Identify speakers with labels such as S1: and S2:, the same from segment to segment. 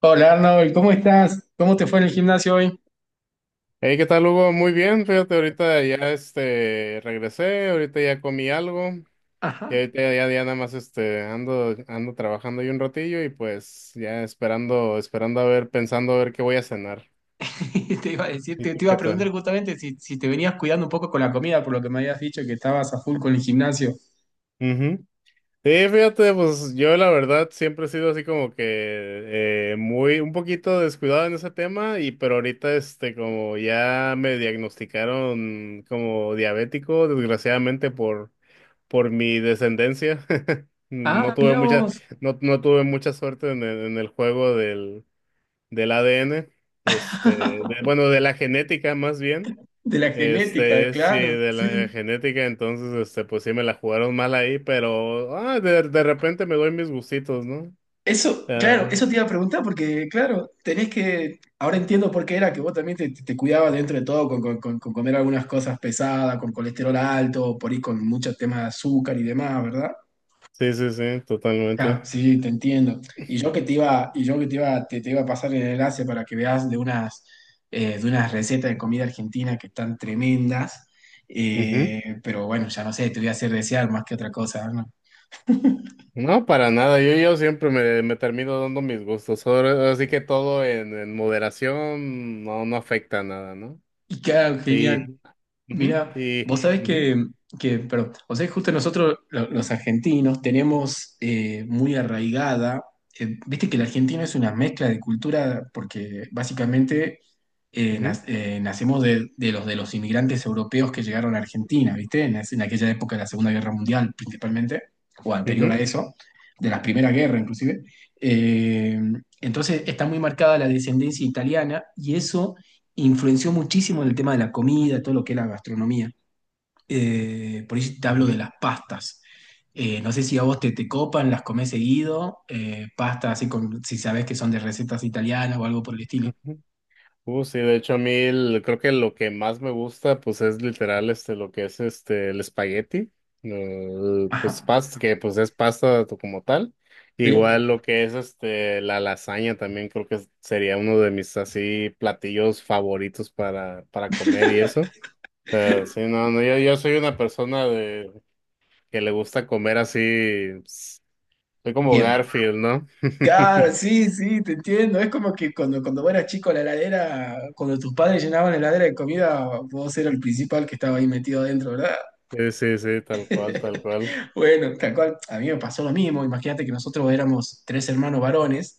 S1: Hola Arnold, ¿cómo estás? ¿Cómo te fue en el gimnasio hoy?
S2: Hey, ¿qué tal, Hugo? Muy bien, fíjate, ahorita ya regresé, ahorita ya comí algo, y
S1: Ajá.
S2: ahorita ya nada más ando trabajando ahí un ratillo y pues ya esperando, esperando a ver, pensando a ver qué voy a cenar.
S1: Te iba a decir,
S2: ¿Y
S1: te
S2: tú
S1: iba a
S2: qué
S1: preguntar
S2: tal?
S1: justamente si te venías cuidando un poco con la comida, por lo que me habías dicho que estabas a full con el gimnasio.
S2: Ujú. Sí, fíjate, pues yo la verdad siempre he sido así como que un poquito descuidado en ese tema, y pero ahorita como ya me diagnosticaron como diabético, desgraciadamente por mi descendencia.
S1: Ah,
S2: No tuve
S1: mirá
S2: mucha,
S1: vos.
S2: no tuve mucha suerte en el juego del ADN, este, de- bueno, de la genética más bien.
S1: De la genética,
S2: Sí,
S1: claro,
S2: de
S1: sí.
S2: la genética, entonces, pues sí me la jugaron mal ahí, pero de repente me doy mis gustitos, ¿no?
S1: Eso, claro,
S2: Ah,
S1: eso te iba a preguntar porque, claro, tenés que, ahora entiendo por qué era que vos también te cuidabas dentro de todo con comer algunas cosas pesadas, con colesterol alto, por ahí con muchos temas de azúcar y demás, ¿verdad?
S2: sí, sí, sí,
S1: Claro,
S2: totalmente.
S1: sí, te entiendo. Y yo que te iba, te iba a pasar el enlace para que veas de unas recetas de comida argentina que están tremendas.
S2: Ujú.
S1: Pero bueno, ya no sé, te voy a hacer desear más que otra cosa, ¿no?
S2: No, para nada. Yo siempre me termino dando mis gustos. Así que todo en moderación no afecta a nada, ¿no?
S1: Y claro, genial.
S2: Ujú,
S1: Mira,
S2: y,
S1: vos sabés
S2: ujú,
S1: que perdón, o sea, justo nosotros los argentinos tenemos muy arraigada, viste que el argentino es una mezcla de cultura porque básicamente
S2: ujú,
S1: nacemos de los inmigrantes europeos que llegaron a Argentina, viste, en aquella época de la Segunda Guerra Mundial principalmente, o anterior a
S2: ujú,
S1: eso, de la Primera Guerra inclusive. Eh, entonces está muy marcada la descendencia italiana y eso influenció muchísimo en el tema de la comida, todo lo que es la gastronomía. Por ahí te hablo de
S2: ujú,
S1: las pastas. No sé si a vos te copan, las comés seguido, pastas así con, si sabés que son de recetas italianas o algo por el estilo.
S2: ujú. Sí, de hecho a mí creo que lo que más me gusta pues es literal lo que es el espagueti,
S1: Ajá.
S2: pues pasta que pues es pasta como tal.
S1: ¿Sí? Ya.
S2: Igual lo que es la lasaña también creo que sería uno de mis así platillos favoritos para comer y eso. Sí, no, no, yo soy una persona de que le gusta comer así, pues, soy como
S1: Bien.
S2: Garfield, ¿no?
S1: Claro, sí, sí, te entiendo. Es como que cuando vos eras chico, la heladera, cuando tus padres llenaban la heladera de comida, vos eras el principal que estaba ahí metido adentro, ¿verdad?
S2: Sí, sí, sí, tal cual, tal cual.
S1: Bueno, tal cual, a mí me pasó lo mismo. Imagínate que nosotros éramos tres hermanos varones,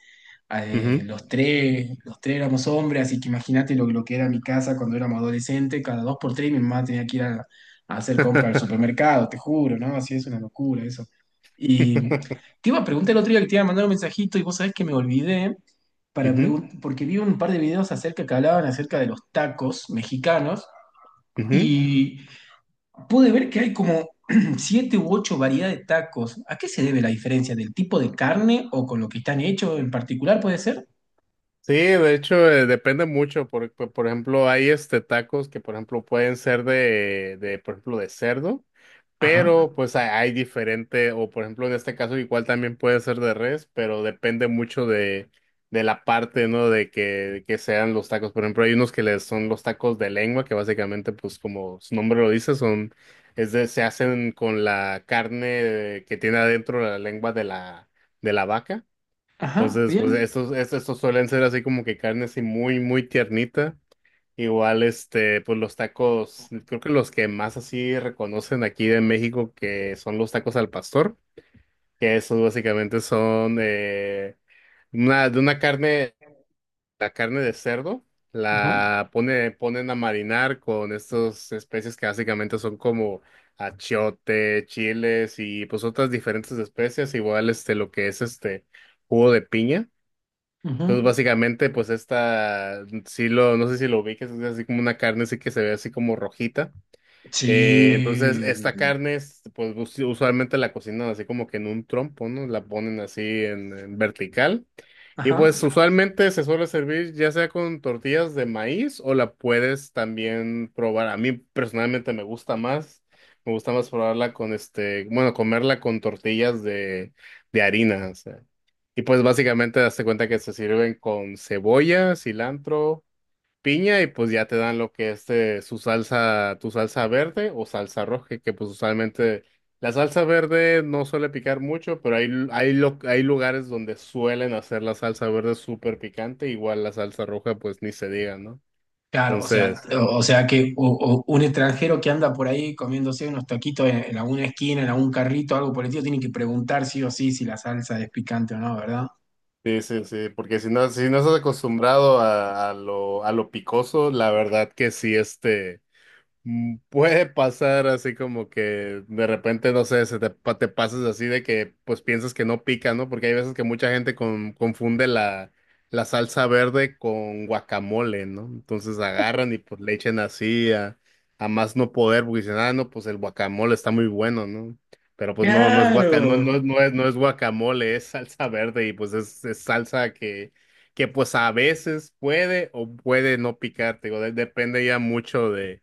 S2: Ujú.
S1: los tres éramos hombres, así que imagínate lo que era mi casa cuando éramos adolescentes, cada dos por tres mi mamá tenía que ir a hacer compras al supermercado, te juro, ¿no? Así es una locura eso. Y te iba a preguntar el otro día que te iba a mandar un mensajito y vos sabés que me olvidé
S2: Ujú,
S1: porque vi un par de videos acerca que hablaban acerca de los tacos mexicanos.
S2: ujú.
S1: Y pude ver que hay como siete u ocho variedades de tacos. ¿A qué se debe la diferencia? ¿Del tipo de carne o con lo que están hechos en particular puede ser?
S2: Sí, de hecho, depende mucho. Por ejemplo, hay tacos que, por ejemplo, pueden ser de, por ejemplo, de cerdo. Pero
S1: Ajá,
S2: pues hay diferente, o por ejemplo en este caso igual también puede ser de res, pero depende mucho de la parte, ¿no? De que sean los tacos. Por ejemplo, hay unos que les son los tacos de lengua, que básicamente pues como su nombre lo dice, se hacen con la carne que tiene adentro la lengua de la vaca.
S1: ajá,
S2: Entonces, pues
S1: bien.
S2: estos suelen ser así como que carne así muy, muy tiernita. Igual, pues los tacos, creo que los que más así reconocen aquí de México que son los tacos al pastor, que esos básicamente son una carne, la carne de cerdo,
S1: Ajá,
S2: ponen a marinar con estas especies que básicamente son como achiote, chiles y pues otras diferentes especies, igual lo que es jugo de piña.
S1: ajá.
S2: Entonces, básicamente, pues esta, sí lo, no sé si lo ubiques, es así como una carne así que se ve así como rojita. Entonces,
S1: Sí,
S2: esta carne, pues usualmente la cocinan así como que en un trompo, ¿no? La ponen así en vertical. Y
S1: ajá.
S2: pues usualmente se suele servir ya sea con tortillas de maíz o la puedes también probar. A mí personalmente me gusta más probarla con bueno, comerla con tortillas de harina. O sea. Y pues básicamente das cuenta que se sirven con cebolla, cilantro piña y pues ya te dan lo que es tu salsa verde o salsa roja, que, pues usualmente la salsa verde no suele picar mucho, pero hay, lu- hay, lo- hay lugares donde suelen hacer la salsa verde súper picante, igual la salsa roja pues ni se diga, ¿no?
S1: Claro, o sea,
S2: Entonces,
S1: o sea que o un extranjero que anda por ahí comiéndose unos taquitos en alguna esquina, en algún carrito, algo por el estilo, tiene que preguntar sí o sí si la salsa es picante o no, ¿verdad?
S2: sí, sí, sí, porque si no estás acostumbrado a, a lo picoso, la verdad que sí. Puede pasar así como que de repente, no sé, te pasas así de que pues piensas que no pica, ¿no? Porque hay veces que mucha gente confunde la salsa verde con guacamole, ¿no? Entonces agarran y pues le echen así a más no poder, porque dicen, ah, no, pues el guacamole está muy bueno, ¿no? Pero pues no, no es guaca, no,
S1: Claro,
S2: no, no es, no es guacamole, es, salsa verde y pues es salsa que pues a veces puede o puede no picar, te digo, depende ya mucho de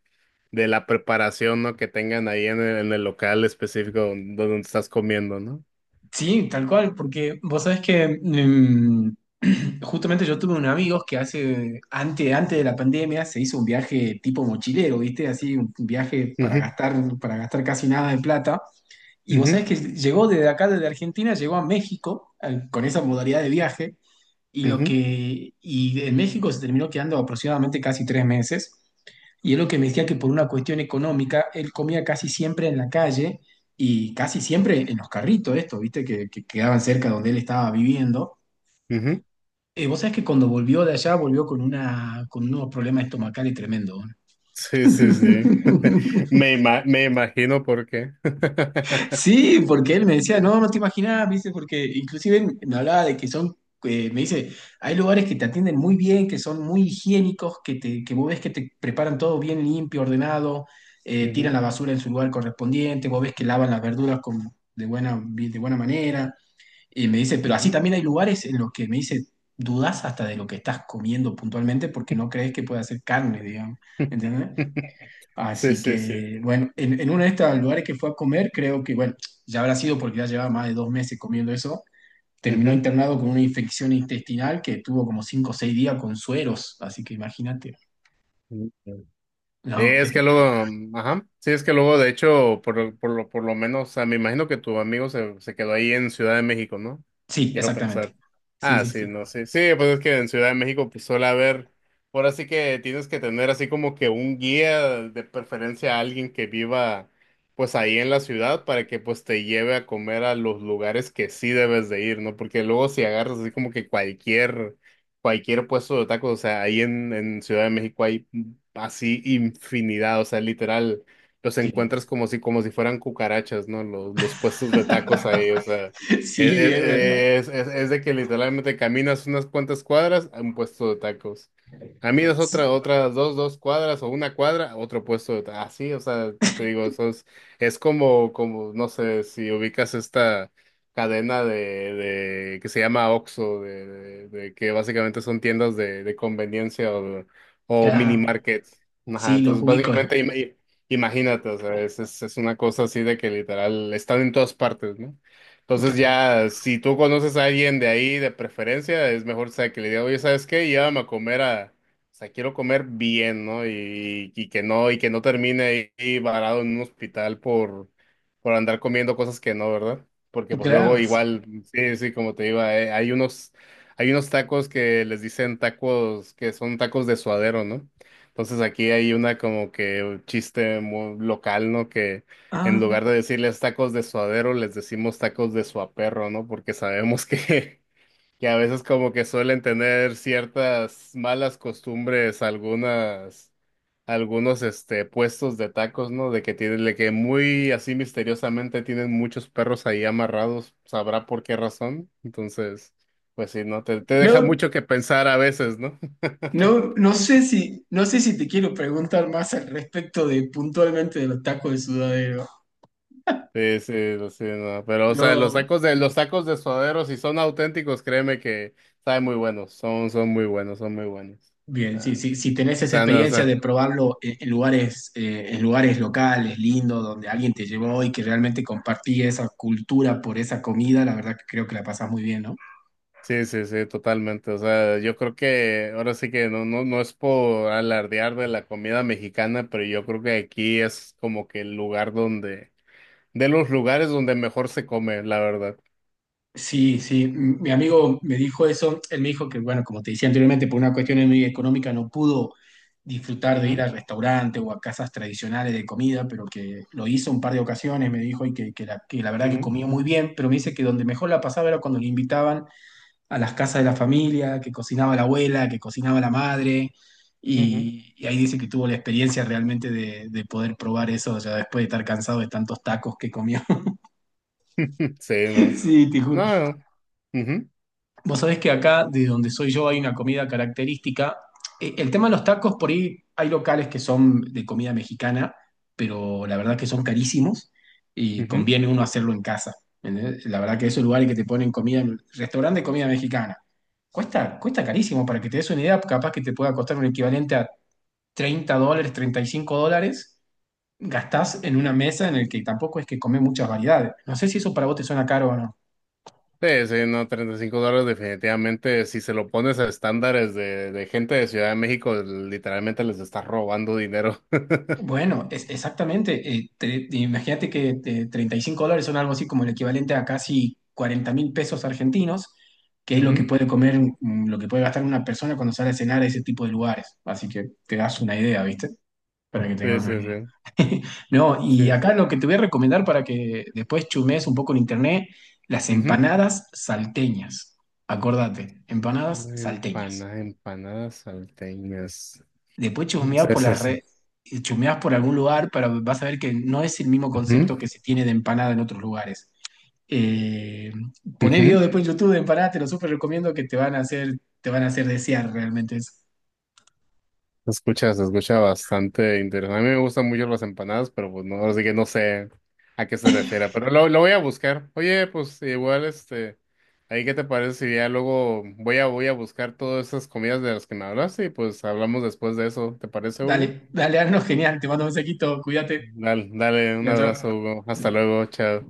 S2: la preparación, ¿no? Que tengan ahí en el local específico donde, estás comiendo, ¿no?
S1: sí, tal cual, porque vos sabés que justamente yo tuve un amigo que hace, antes de la pandemia, se hizo un viaje tipo mochilero, ¿viste? Así, un viaje
S2: Ujú,
S1: para gastar casi nada de plata. Y vos
S2: ujú,
S1: sabés que llegó desde acá, desde Argentina, llegó a México con esa modalidad de viaje,
S2: ujú,
S1: y en México se terminó quedando aproximadamente casi tres meses. Y es lo que me decía que por una cuestión económica, él comía casi siempre en la calle y casi siempre en los carritos, esto, viste, que quedaban cerca donde él estaba viviendo.
S2: ujú.
S1: Vos sabés que cuando volvió de allá, volvió con unos problemas estomacales tremendos.
S2: Sí, sí, sí. Me imagino por qué.
S1: Sí, porque él me decía, no, no te imaginas, me dice, porque inclusive me hablaba de que son, me dice, hay lugares que te atienden muy bien, que son muy higiénicos, que vos ves que te preparan todo bien limpio, ordenado, tiran
S2: Ujú,
S1: la basura en su lugar correspondiente, vos ves que lavan las verduras de buena manera, y me dice, pero así
S2: ujú.
S1: también hay lugares en los que me dice, dudás hasta de lo que estás comiendo puntualmente porque no crees que pueda ser carne, digamos, ¿entendés?
S2: Sí,
S1: Así
S2: sí, sí.
S1: que, bueno, en uno de estos lugares que fue a comer, creo que, bueno, ya habrá sido porque ya llevaba más de dos meses comiendo eso. Terminó internado con una infección intestinal que tuvo como cinco o seis días con sueros, así que imagínate.
S2: Ujú. Sí,
S1: No,
S2: es que luego, ajá, sí, es que luego, de hecho, por lo menos, o sea, me imagino que tu amigo se quedó ahí en Ciudad de México, ¿no?
S1: sí,
S2: Quiero
S1: exactamente.
S2: pensar.
S1: Sí,
S2: Ah,
S1: sí, sí.
S2: sí, no, sí, sí, pues es que en Ciudad de México, pues suele haber, ahora sí que tienes que tener así como que un guía, de preferencia a alguien que viva, pues ahí en la ciudad, para que pues te lleve a comer a los lugares que sí debes de ir, ¿no? Porque luego si agarras así como que cualquier puesto de tacos, o sea, ahí en Ciudad de México hay así infinidad, o sea, literal, los
S1: Sí,
S2: encuentras como si fueran cucarachas, ¿no? Los puestos de tacos ahí, o sea, es,
S1: sí,
S2: es,
S1: es verdad.
S2: es- es- es de que literalmente caminas unas cuantas cuadras a un puesto de tacos. Caminas
S1: Sí,
S2: otras dos cuadras o una cuadra, a otro puesto de tacos. Así, o sea, te digo, eso es como, no sé, si ubicas esta cadena de que se llama Oxxo, de que básicamente son tiendas de conveniencia o mini
S1: claro.
S2: market. Ajá,
S1: Sí, los
S2: entonces
S1: ubico.
S2: básicamente imagínate, o sea, es una cosa así de que literal están en todas partes, ¿no? Entonces
S1: Claro,
S2: ya, si tú conoces a alguien de ahí de preferencia, es mejor, o sea, que le diga, oye, ¿sabes qué? Llévame a comer a, o sea, quiero comer bien, ¿no? Y que no termine ahí varado en un hospital por andar comiendo cosas que no, ¿verdad? Porque pues luego
S1: claro.
S2: igual, sí, sí, como te iba, hay unos tacos que les dicen tacos, que son tacos de suadero, ¿no? Entonces aquí hay una como que un chiste muy local, ¿no? Que en
S1: Ah,
S2: lugar de decirles tacos de suadero, les decimos tacos de suaperro, ¿no? Porque sabemos que, que a veces como que suelen tener ciertas malas costumbres algunos puestos de tacos, ¿no? De que muy así misteriosamente tienen muchos perros ahí amarrados, sabrá por qué razón. Entonces, pues sí, ¿no? Te deja
S1: no,
S2: mucho que pensar a veces, ¿no?
S1: no no sé si te quiero preguntar más al respecto de puntualmente de los tacos de sudadero.
S2: Sí, sí, sí, no. Pero, o sea, los
S1: Yo,
S2: tacos de, los tacos de suadero, si son auténticos, créeme que saben muy buenos, son muy buenos, son muy buenos.
S1: bien, sí,
S2: Ah.
S1: sí, si tenés
S2: O
S1: esa
S2: sea, no, o
S1: experiencia
S2: sea,
S1: de probarlo en lugares locales, lindos, donde alguien te llevó y que realmente compartí esa cultura por esa comida, la verdad que creo que la pasás muy bien, ¿no?
S2: sí, sí, sí, totalmente. O sea, yo creo que ahora sí que no, no, no es por alardear de la comida mexicana, pero yo creo que aquí es como que de los lugares donde mejor se come, la verdad.
S1: Sí, sí, mi amigo me dijo eso, él me dijo que, bueno, como te decía anteriormente, por una cuestión muy económica no pudo disfrutar de ir al restaurante o a casas tradicionales de comida, pero que lo hizo un par de ocasiones, me dijo, y que, que la verdad que
S2: Ujú,
S1: comía muy bien, pero me dice que donde mejor la pasaba era cuando le invitaban a las casas de la familia, que cocinaba la abuela, que cocinaba la madre,
S2: ujú, ujú.
S1: y ahí dice que tuvo la experiencia realmente de poder probar eso ya después de estar cansado de tantos tacos que comió.
S2: Sí, no.
S1: Sí, te juro.
S2: No. Ujú,
S1: Vos sabés que acá, de donde soy yo, hay una comida característica. El tema de los tacos, por ahí hay locales que son de comida mexicana, pero la verdad que son carísimos y
S2: ujú.
S1: conviene uno hacerlo en casa. ¿Entendés? La verdad que esos lugares que te ponen comida, restaurante de comida mexicana, cuesta, cuesta carísimo. Para que te des una idea, capaz que te pueda costar un equivalente a $30, 35 dólares. Gastás en una mesa en el que tampoco es que comés muchas variedades. No sé si eso para vos te suena caro o no.
S2: Sí, sí, no, $35 definitivamente, si se lo pones a estándares de gente de Ciudad de México, literalmente les está robando dinero.
S1: Bueno, es, exactamente. Imagínate que $35 son algo así como el equivalente a casi 40.000 pesos argentinos, que es lo que
S2: Ujú.
S1: puede comer, lo que puede gastar una persona cuando sale a cenar a ese tipo de lugares. Así que te das una idea, ¿viste? Para que
S2: Sí,
S1: tengas una
S2: sí,
S1: idea.
S2: sí.
S1: No, y
S2: Sí.
S1: acá lo que te voy a recomendar para que después chumees un poco en internet, las
S2: Ujú.
S1: empanadas salteñas. Acordate, empanadas salteñas.
S2: Empanadas, empanadas salteñas.
S1: Después chusmeás
S2: Sí,
S1: por
S2: sí,
S1: las
S2: sí.
S1: redes, chusmeás por algún lugar para vas a ver que no es el mismo
S2: Ujú,
S1: concepto que se tiene de empanada en otros lugares. Eh, poné
S2: ujú.
S1: videos después en YouTube de empanadas, te lo súper recomiendo que te van a hacer, te van a hacer desear realmente eso.
S2: Se escucha bastante interesante. A mí me gustan mucho las empanadas, pero pues no, así que no sé a qué se refiere. Pero lo voy a buscar. Oye, pues igual, ahí qué te parece si ya luego voy a buscar todas esas comidas de las que me hablaste y pues hablamos después de eso. ¿Te parece,
S1: Dale,
S2: Hugo?
S1: dale, Arno, genial, te mando un mensajito, cuídate.
S2: Dale, dale, un
S1: Chao,
S2: abrazo,
S1: chao.
S2: Hugo. Hasta luego, chao.